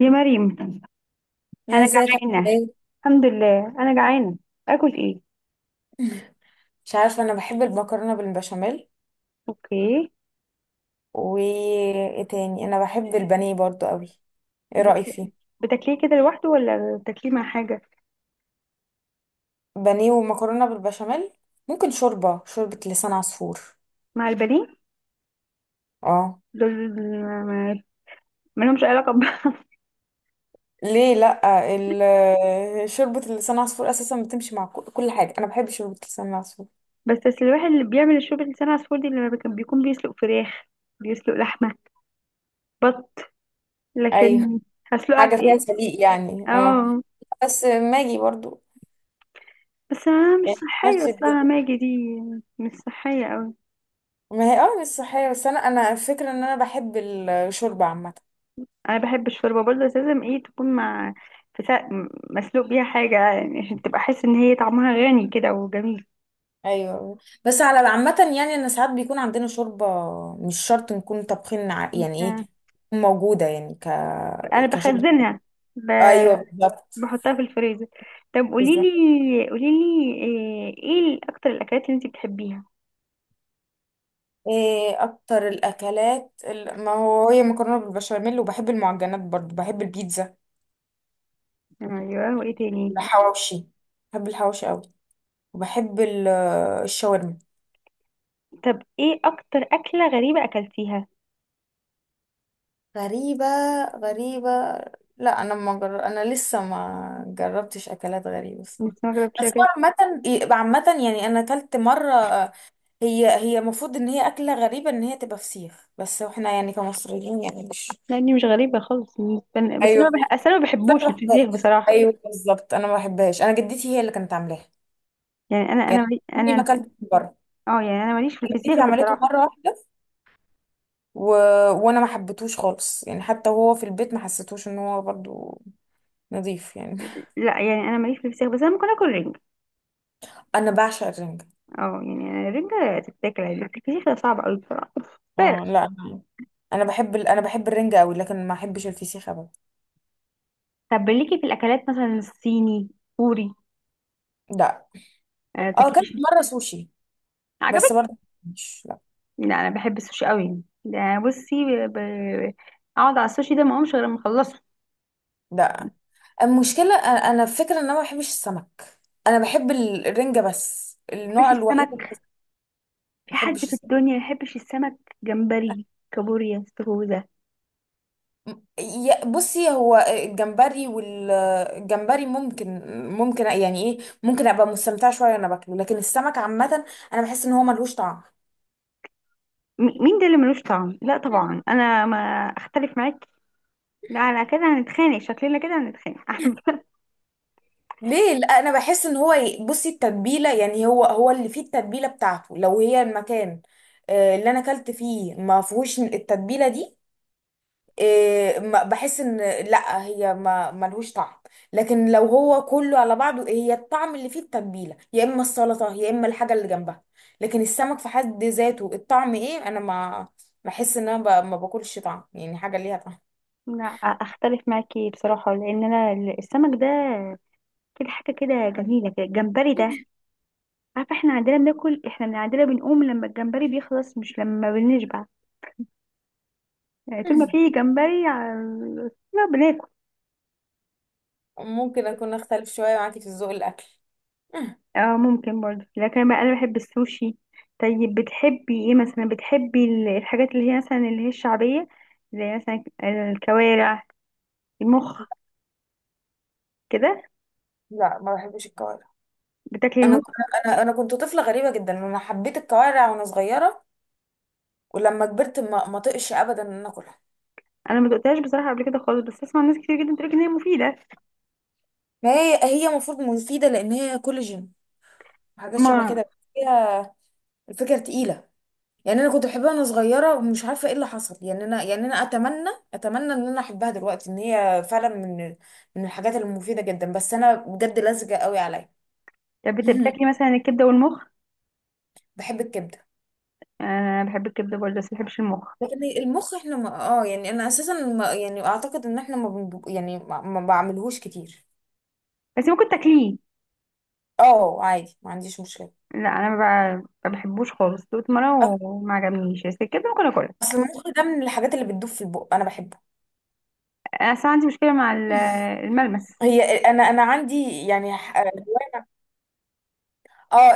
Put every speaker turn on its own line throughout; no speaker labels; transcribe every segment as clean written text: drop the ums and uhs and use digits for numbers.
يا مريم،
يا،
انا
ازيك؟ عاملة
جعانه.
ايه؟
الحمد لله، انا جعانه. اكل ايه؟
مش عارفة، انا بحب المكرونة بالبشاميل.
اوكي.
وايه تاني؟ انا بحب البانيه برضو قوي. ايه
بت...
رأيك فيه؟
بتاكليه كده لوحده ولا بتاكليه مع حاجه؟
بانيه ومكرونة بالبشاميل. ممكن شوربة لسان عصفور.
مع البانيه
اه.
دول ما ما لهمش علاقه
ليه لا؟ شوربة لسان عصفور اساسا بتمشي مع كل حاجة. انا بحب شوربة لسان عصفور.
بس الواحد اللي بيعمل الشوربه لسان عصفور دي اللي كان بيكون بيسلق فراخ، بيسلق لحمه، بط،
ايوه،
لكن هسلقها
حاجة
في
فيها
ايه؟
سليق يعني، اه.
اه،
بس ماجي برضو.
بس انا مش
يعني
صحيه
نفس الدنيا.
اصلها ماجي دي، مش صحيه.
ما هي، اه مش صحية، بس انا الفكرة ان انا بحب الشوربة عامة.
انا بحب الشوربه برضه، بس لازم ايه تكون مع، في سا... مسلوق بيها حاجه يعني عشان تبقى احس ان هي طعمها غني كده وجميل.
ايوه، بس على عامة يعني انا ساعات بيكون عندنا شوربة. مش شرط نكون طابخين يعني ايه،
انت-
تكون موجودة يعني
انا
كشوربة.
بخزنها. ب...
ايوه بالظبط.
بحطها في الفريزر. طب قولي
بالظبط.
لي قولي لي ايه اكتر الاكلات اللي انت بتحبيها؟
ايه اكتر الاكلات ما هو هي مكرونة بالبشاميل، وبحب المعجنات برضو، بحب البيتزا.
ايوه، وايه تاني؟
الحواوشي. بحب الحواوشي قوي. وبحب الشاورما.
طب ايه اكتر اكله غريبه اكلتيها؟
غريبة؟ غريبة. لا، انا ما جر... انا لسه ما جربتش اكلات غريبة الصراحة.
لسه ما جربتش
بس هو
اكل.
عامة، عامة يعني انا اكلت مرة. هي المفروض ان هي اكلة غريبة، ان هي تبقى فسيخ، بس احنا يعني كمصريين يعني مش
لاني مش غريبه خالص بالنسبة لي. بس انا
ايوه
ما
بس
بح... أصل انا ما بحبوش
انا ما
الفسيخ
بحبهاش،
بصراحه.
ايوه بالظبط، انا ما بحبهاش، انا جدتي هي اللي كانت عاملاها.
يعني انا انا
يعني
مالي-
عمري ما
انا
اكلت من بره.
اه، يعني انا ماليش في الفسيخ
جدتي عملته
بصراحه.
مرة واحدة، و... وانا ما حبيتهوش خالص، يعني حتى وهو في البيت ما حسيتوش ان هو برضو نظيف يعني.
لا، يعني انا ماليش في الفسيخ، بس انا ممكن اكل رنجة.
انا بعشق الرنجة.
اه، يعني أنا الرنجة تتاكل عادي لكن الفسيخ ده صعب قوي بصراحة، فعلا.
اه، لا انا، انا بحب الرنجة قوي، لكن ما احبش الفسيخ ابدا.
طب ليكي في الاكلات مثلا الصيني كوري؟
لا،
آه،
اه، اكلت
تاكليش؟
مره سوشي، بس
عجبك؟
برضه مش، لا.
لا انا بحب السوشي قوي ده. بصي ب... ب- اقعد على السوشي ده ما اقومش غير لما اخلصه. ما
لا، المشكله انا، الفكره ان انا ما بحبش السمك. انا بحب الرنجة، بس
بحبش
النوع الوحيد اللي
السمك؟
ما
في حد
بحبش
في
السمك.
الدنيا ما يحبش السمك؟ جمبري، كابوريا، استاكوزا.
بصي، هو الجمبري والجمبري ممكن يعني ايه، ممكن ابقى مستمتعه شويه وانا باكله، لكن السمك عامه انا بحس ان هو ملهوش طعم.
مين ده اللي ملوش طعم؟ لا طبعا انا ما اختلف معاك. لا، على كده هنتخانق، شكلنا كده هنتخانق.
ليه لا؟ انا بحس ان هو بصي، التتبيله يعني هو اللي فيه التتبيله بتاعته، لو هي المكان. اللي انا اكلت فيه ما فيهوش التتبيله دي. بحس ان، لا هي ما ملهوش طعم، لكن لو هو كله على بعضه، هي الطعم اللي فيه التتبيله، يا اما السلطه يا اما الحاجه اللي جنبها. لكن السمك في حد ذاته الطعم ايه؟ انا ما بحس ان انا ما باكلش طعم، يعني حاجه ليها طعم.
لا اختلف معاكي بصراحه، لان انا السمك ده كده حاجه كده جميله كده، الجمبري ده عارفه احنا عندنا بناكل، احنا من عندنا بنقوم لما الجمبري بيخلص، مش لما بنشبع. يعني طول ما في جمبري لا بناكل.
ممكن اكون اختلف شويه معاكي في الذوق الاكل.
اه، ممكن برضه، لكن بقى انا بحب السوشي. طيب بتحبي ايه مثلا؟ بتحبي الحاجات اللي هي مثلا اللي هي الشعبيه، زي مثلا الكوارع، المخ كده؟
لا، ما بحبش الكوارع.
بتاكلي
انا
المخ؟
انا كنت طفله غريبه جدا، انا حبيت الكوارع وانا صغيره. ولما كبرت ما طقش ابدا ان انا اكلها.
انا ما دقتهاش بصراحه قبل كده خالص، بس اسمع ناس كتير جدا بتقول ان هي مفيده.
ما هي، هي المفروض مفيده لان هي كولاجين. حاجات شبه
ما
كده، بس هي الفكره تقيله. يعني انا كنت بحبها وانا صغيره ومش عارفه ايه اللي حصل، يعني انا، يعني انا اتمنى ان انا احبها دلوقتي، ان هي فعلا من الحاجات المفيده جدا، بس انا بجد لزجه قوي عليا.
طب بتاكلي مثلا الكبده والمخ؟
بحب الكبده.
انا بحب الكبده برضه بس ما بحبش المخ.
لكن المخ احنا ما، اه يعني انا اساسا ما، يعني اعتقد ان احنا ما بنب... يعني ما بعملهوش كتير.
بس ممكن تاكليه؟
اه، عادي، ما عنديش مشكله.
لا، انا ما بحبوش خالص دوت مره وما عجبنيش، بس الكبده ممكن اكلها.
اصل المخ ده من الحاجات اللي بتدوب في البق، انا بحبه.
انا اصلا عندي مشكله مع الملمس.
هي انا عندي يعني اه.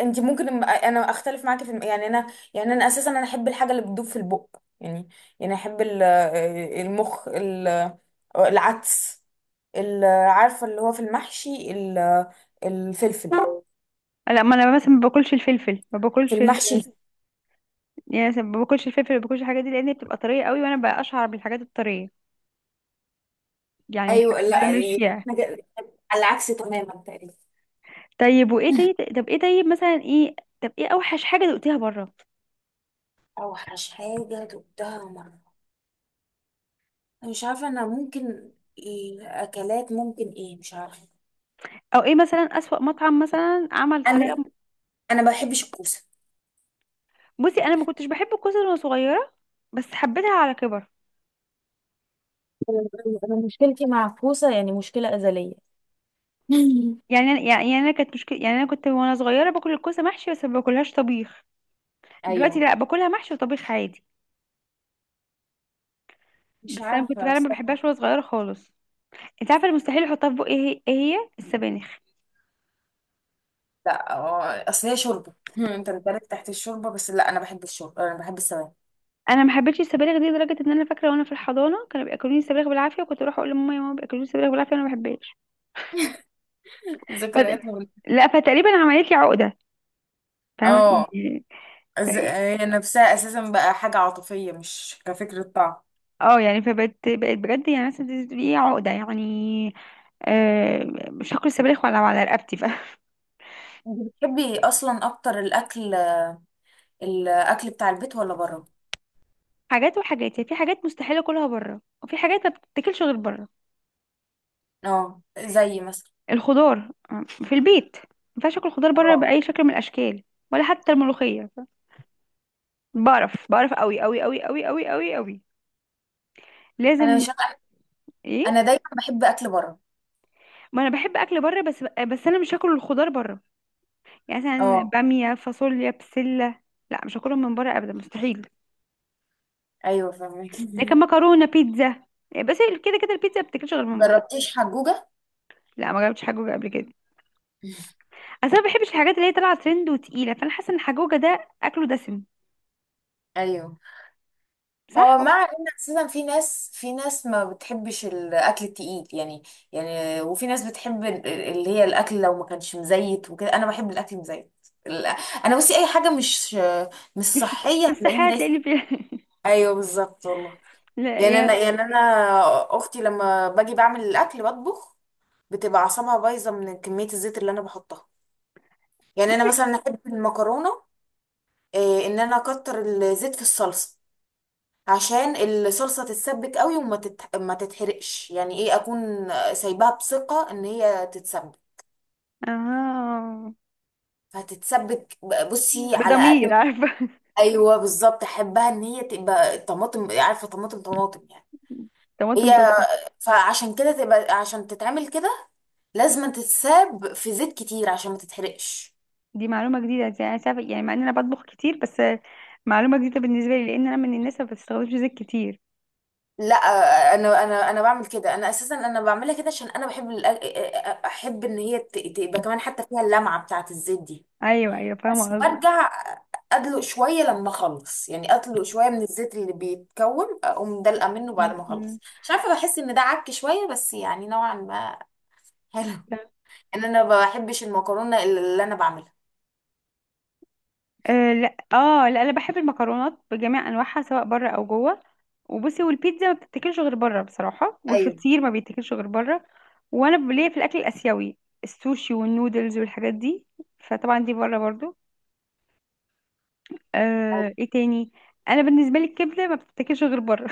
انت ممكن انا اختلف معاكي في يعني انا. يعني انا اساسا انا احب الحاجه اللي بتدوب في البق. يعني يعني احب المخ، العدس، عارفه اللي هو في المحشي الفلفل.
لا، ما انا مثلا ما باكلش الفلفل ما
في
باكلش
المحشي الفلفل.
يعني مثلا ما باكلش الفلفل ما باكلش الحاجات دي لان هي بتبقى طريه قوي، وانا بقى اشعر بالحاجات الطريه. يعني
ايوه،
الحاجات
لا،
الطريه ماليش فيها.
احنا على العكس تماما تقريبا.
طيب وايه تاني؟ طب ايه؟ طيب مثلا ايه؟ طب ايه اوحش حاجه دقتيها بره؟
اوحش حاجه دقتها مرة. مش عارفة، أنا ممكن إيه؟ أكلات ممكن إيه؟ مش عارفة.
او ايه مثلا اسوأ مطعم مثلا عمل
انا
طريقه؟
انا ما بحبش الكوسه.
بصي انا ما كنتش بحب الكوسه وانا صغيره، بس حبيتها على كبر.
انا مشكلتي مع الكوسه يعني مشكله ازليه.
يعني انا يعني انا كانت مشكله، يعني انا كنت وانا صغيره باكل الكوسه محشي بس ما باكلهاش طبيخ. دلوقتي
أيوه.
لا، باكلها محشي وطبيخ عادي.
مش
بس انا كنت
عارفة
فعلا ما
الصراحة.
بحبهاش وانا صغيره خالص. انت عارفه المستحيل احطها في بقي ايه هي؟ إيه هي؟ السبانخ.
لا، أصل هي شوربة، أنت بتبارك تحت الشوربة، بس لا، أنا بحب الشوربة، أنا بحب السواد.
انا ما حبيتش السبانخ دي لدرجه ان انا فاكره وانا في الحضانه كانوا بياكلوني السبانخ بالعافيه، وكنت اروح اقول لماما: يا ماما بياكلوني السبانخ بالعافيه وانا ما بحبهاش. فت...
ذكرياتها
لا، فتقريبا عملت لي عقده. فاهمه
اه،
يعني؟ ف-
هي نفسها أساسا بقى حاجة عاطفية، مش كفكرة طعم.
اه، يعني فبقت بجد يعني مثلا دي عقده يعني. آه، مش هاكل السبانخ ولو على رقبتي
أنت بتحبي أصلا أكتر الأكل بتاع البيت ولا بره؟
حاجات وحاجات يعني، في حاجات مستحيل اكلها بره وفي حاجات ما بتتاكلش غير بره.
اه، زي مثلا.
الخضار آه، في البيت، ما ينفعش اكل خضار بره
اه،
باي شكل من الاشكال. ولا حتى الملوخيه. بعرف بعرف قوي قوي قوي قوي قوي قوي قوي، لازم.
أنا
ايه؟
انا دايما بحب اكل بره.
ما انا بحب اكل بره، بس انا مش هاكل الخضار بره. يعني مثلا
اه،
باميه، فاصوليا، بسله، لا، مش هاكلهم من بره ابدا، مستحيل.
ايوه فاهمك.
لكن مكرونه، بيتزا، بس. كده كده البيتزا ما بتاكلش غير من بره.
جربتيش حجوجة؟
لا، ما جربتش حاجه قبل كده. اصل انا ما بحبش الحاجات اللي هي طالعه ترند وتقيله، فانا حاسه ان حجوجه ده اكله دسم،
ايوه. هو
صح.
مع ان اساسا في ناس ما بتحبش الاكل التقيل يعني. يعني وفي ناس بتحب اللي هي الاكل لو ما كانش مزيت وكده، انا بحب الاكل مزيت. ال- انا بصي اي حاجه مش
مش
صحيه
مش
هتلاقيني
صحيح
دايسه.
تلاقيني في
ايوه بالظبط والله.
لا
يعني انا
يا،
يعني انا اختي لما باجي بعمل الاكل بطبخ، بتبقى اعصابها بايظه من كميه الزيت اللي انا بحطها. يعني انا مثلا احب المكرونه، ان انا اكتر الزيت في الصلصه عشان الصلصه تتسبك قوي، ما تتحرقش، يعني ايه، اكون سايباها بثقه ان هي تتسبك.
اه،
فهتتسبك، بصي على
بضمير
اقل.
عارفه.
ايوه بالظبط، احبها ان هي تبقى طماطم، عارفه؟ طماطم طماطم يعني.
طماطم
هي
طماطم.
فعشان كده تبقى، عشان تتعمل كده لازم تتساب في زيت كتير عشان ما تتحرقش.
دي معلومه جديده يعني. يعني مع ان انا بطبخ كتير، بس معلومه جديده بالنسبه لي، لان انا من الناس اللي ما بتستخدمش زيت كتير.
لا، انا بعمل كده، انا اساسا انا بعملها كده عشان انا بحب احب ان هي تبقى كمان حتى فيها اللمعه بتاعه الزيت دي.
ايوه،
بس
فاهمه قصدك.
برجع ادلق شويه لما اخلص، يعني ادلق شويه من الزيت اللي بيتكون، اقوم دلقه منه بعد ما اخلص. مش عارفه، بحس ان ده عك شويه بس يعني نوعا ما حلو. ان انا ما بحبش المكرونه اللي انا بعملها.
آه لا، اه لا، انا بحب المكرونات بجميع انواعها، سواء بره او جوه. وبصي، والبيتزا ما بتتاكلش غير بره بصراحه،
ايوه،
والفطير ما بيتاكلش غير بره. وانا ليا في الاكل الاسيوي، السوشي والنودلز والحاجات دي، فطبعا دي بره برضو.
ايوه.
آه، ايه تاني. انا بالنسبه لي الكبده ما بتتاكلش غير بره.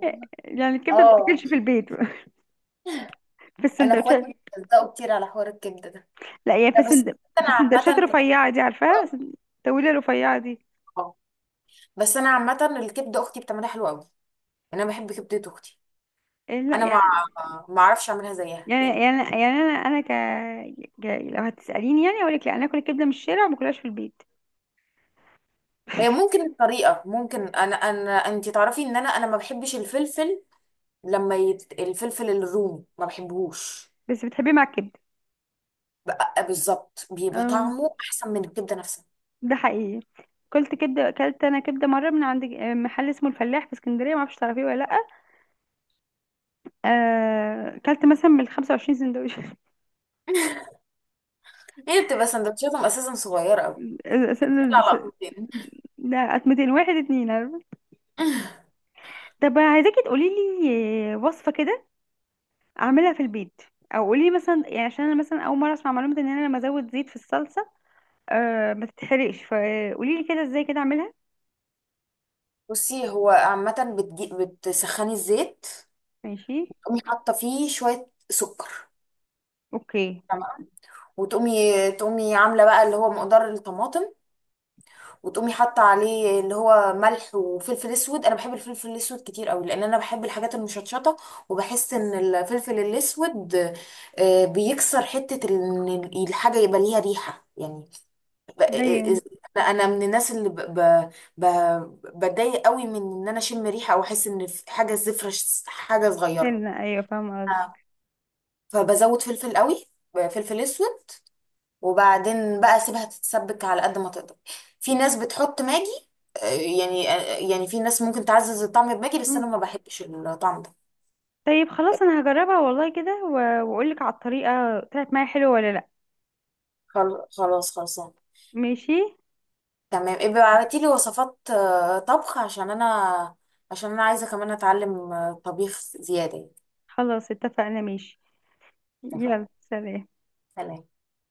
يعني الكبده ما
اه،
بتتاكلش في البيت. في
انا اخواتي
السندوتشات.
بيتلزقوا كتير على حوار الكبده ده.
لا يعني في
لا،
في
انا
السندوتشات الرفيعه دي، عارفاها؟
عامه
الطويله الرفيعه دي.
بس انا عامه الكبده اختي بتعملها حلوه قوي. انا بحب كبده اختي.
إيه، لا
انا ما
يعني،
ما اعرفش اعملها زيها
يعني
يعني.
يعني يعني انا ك... لو هتساليني يعني اقول لك: لا، انا اكل الكبده من الشارع وما اكلهاش في البيت.
هي ممكن الطريقه، ممكن، انا انتي تعرفي ان انا ما بحبش الفلفل. لما الفلفل الرومي ما بحبهوش.
بس بتحبيه مع الكبده.
بقى بالظبط بيبقى
آه.
طعمه احسن من الكبده نفسها.
ده حقيقي. كلت كبده، اكلت انا كبده مره من عند آه، محل اسمه الفلاح في اسكندريه، ما اعرفش تعرفيه ولا لا. آه، اكلت مثلا من 25 سندوتش.
هي بتبقى سندوتشاتهم اساسا صغيره قوي، بتطلع لقطتين.
لا 200، واحد اتنين عارفة؟ طب عايزاكي تقولي لي وصفه كده اعملها في البيت، او قولي لي مثلا يعني عشان انا مثلا اول مره اسمع معلومه ان انا لما ازود زيت في الصلصه أه ما تتحرقش، فقولي لي كده ازاي كده اعملها.
بصي، هو عامه بتسخني الزيت،
ماشي.
تقومي حاطه فيه شويه سكر،
اوكي.
وتقومي عامله بقى اللي هو مقدار الطماطم، وتقومي حاطه عليه اللي هو ملح وفلفل اسود. انا بحب الفلفل الاسود كتير قوي، لان انا بحب الحاجات المشطشطه. وبحس ان الفلفل الاسود بيكسر حته ان الحاجه يبقى ليها ريحه يعني. ب- آه،
ايوه.
انا من الناس اللي ب- بتضايق قوي من ان انا اشم ريحه او احس ان في حاجه زفره، حاجه صغيره.
سنة، ايوه فاهمه.
آه. فبزود فلفل قوي، فلفل اسود. وبعدين بقى سيبها تتسبك على قد ما تقدر. في ناس بتحط ماجي، آه، يعني يعني في ناس ممكن تعزز الطعم بماجي، بس انا
قصدي،
ما بحبش الطعم ده.
طيب خلاص، انا هجربها والله كده واقولك على الطريقة طلعت معايا حلوة ولا لا.
خلاص خلصان.
ماشي.
تمام، ابقى ابعتي لي وصفات طبخ عشان انا، عشان انا عايزه كمان اتعلم طبيخ زياده يعني.
خلاص، اتفقنا. ماشي.
اتفقنا،
يلا سلام.
سلام.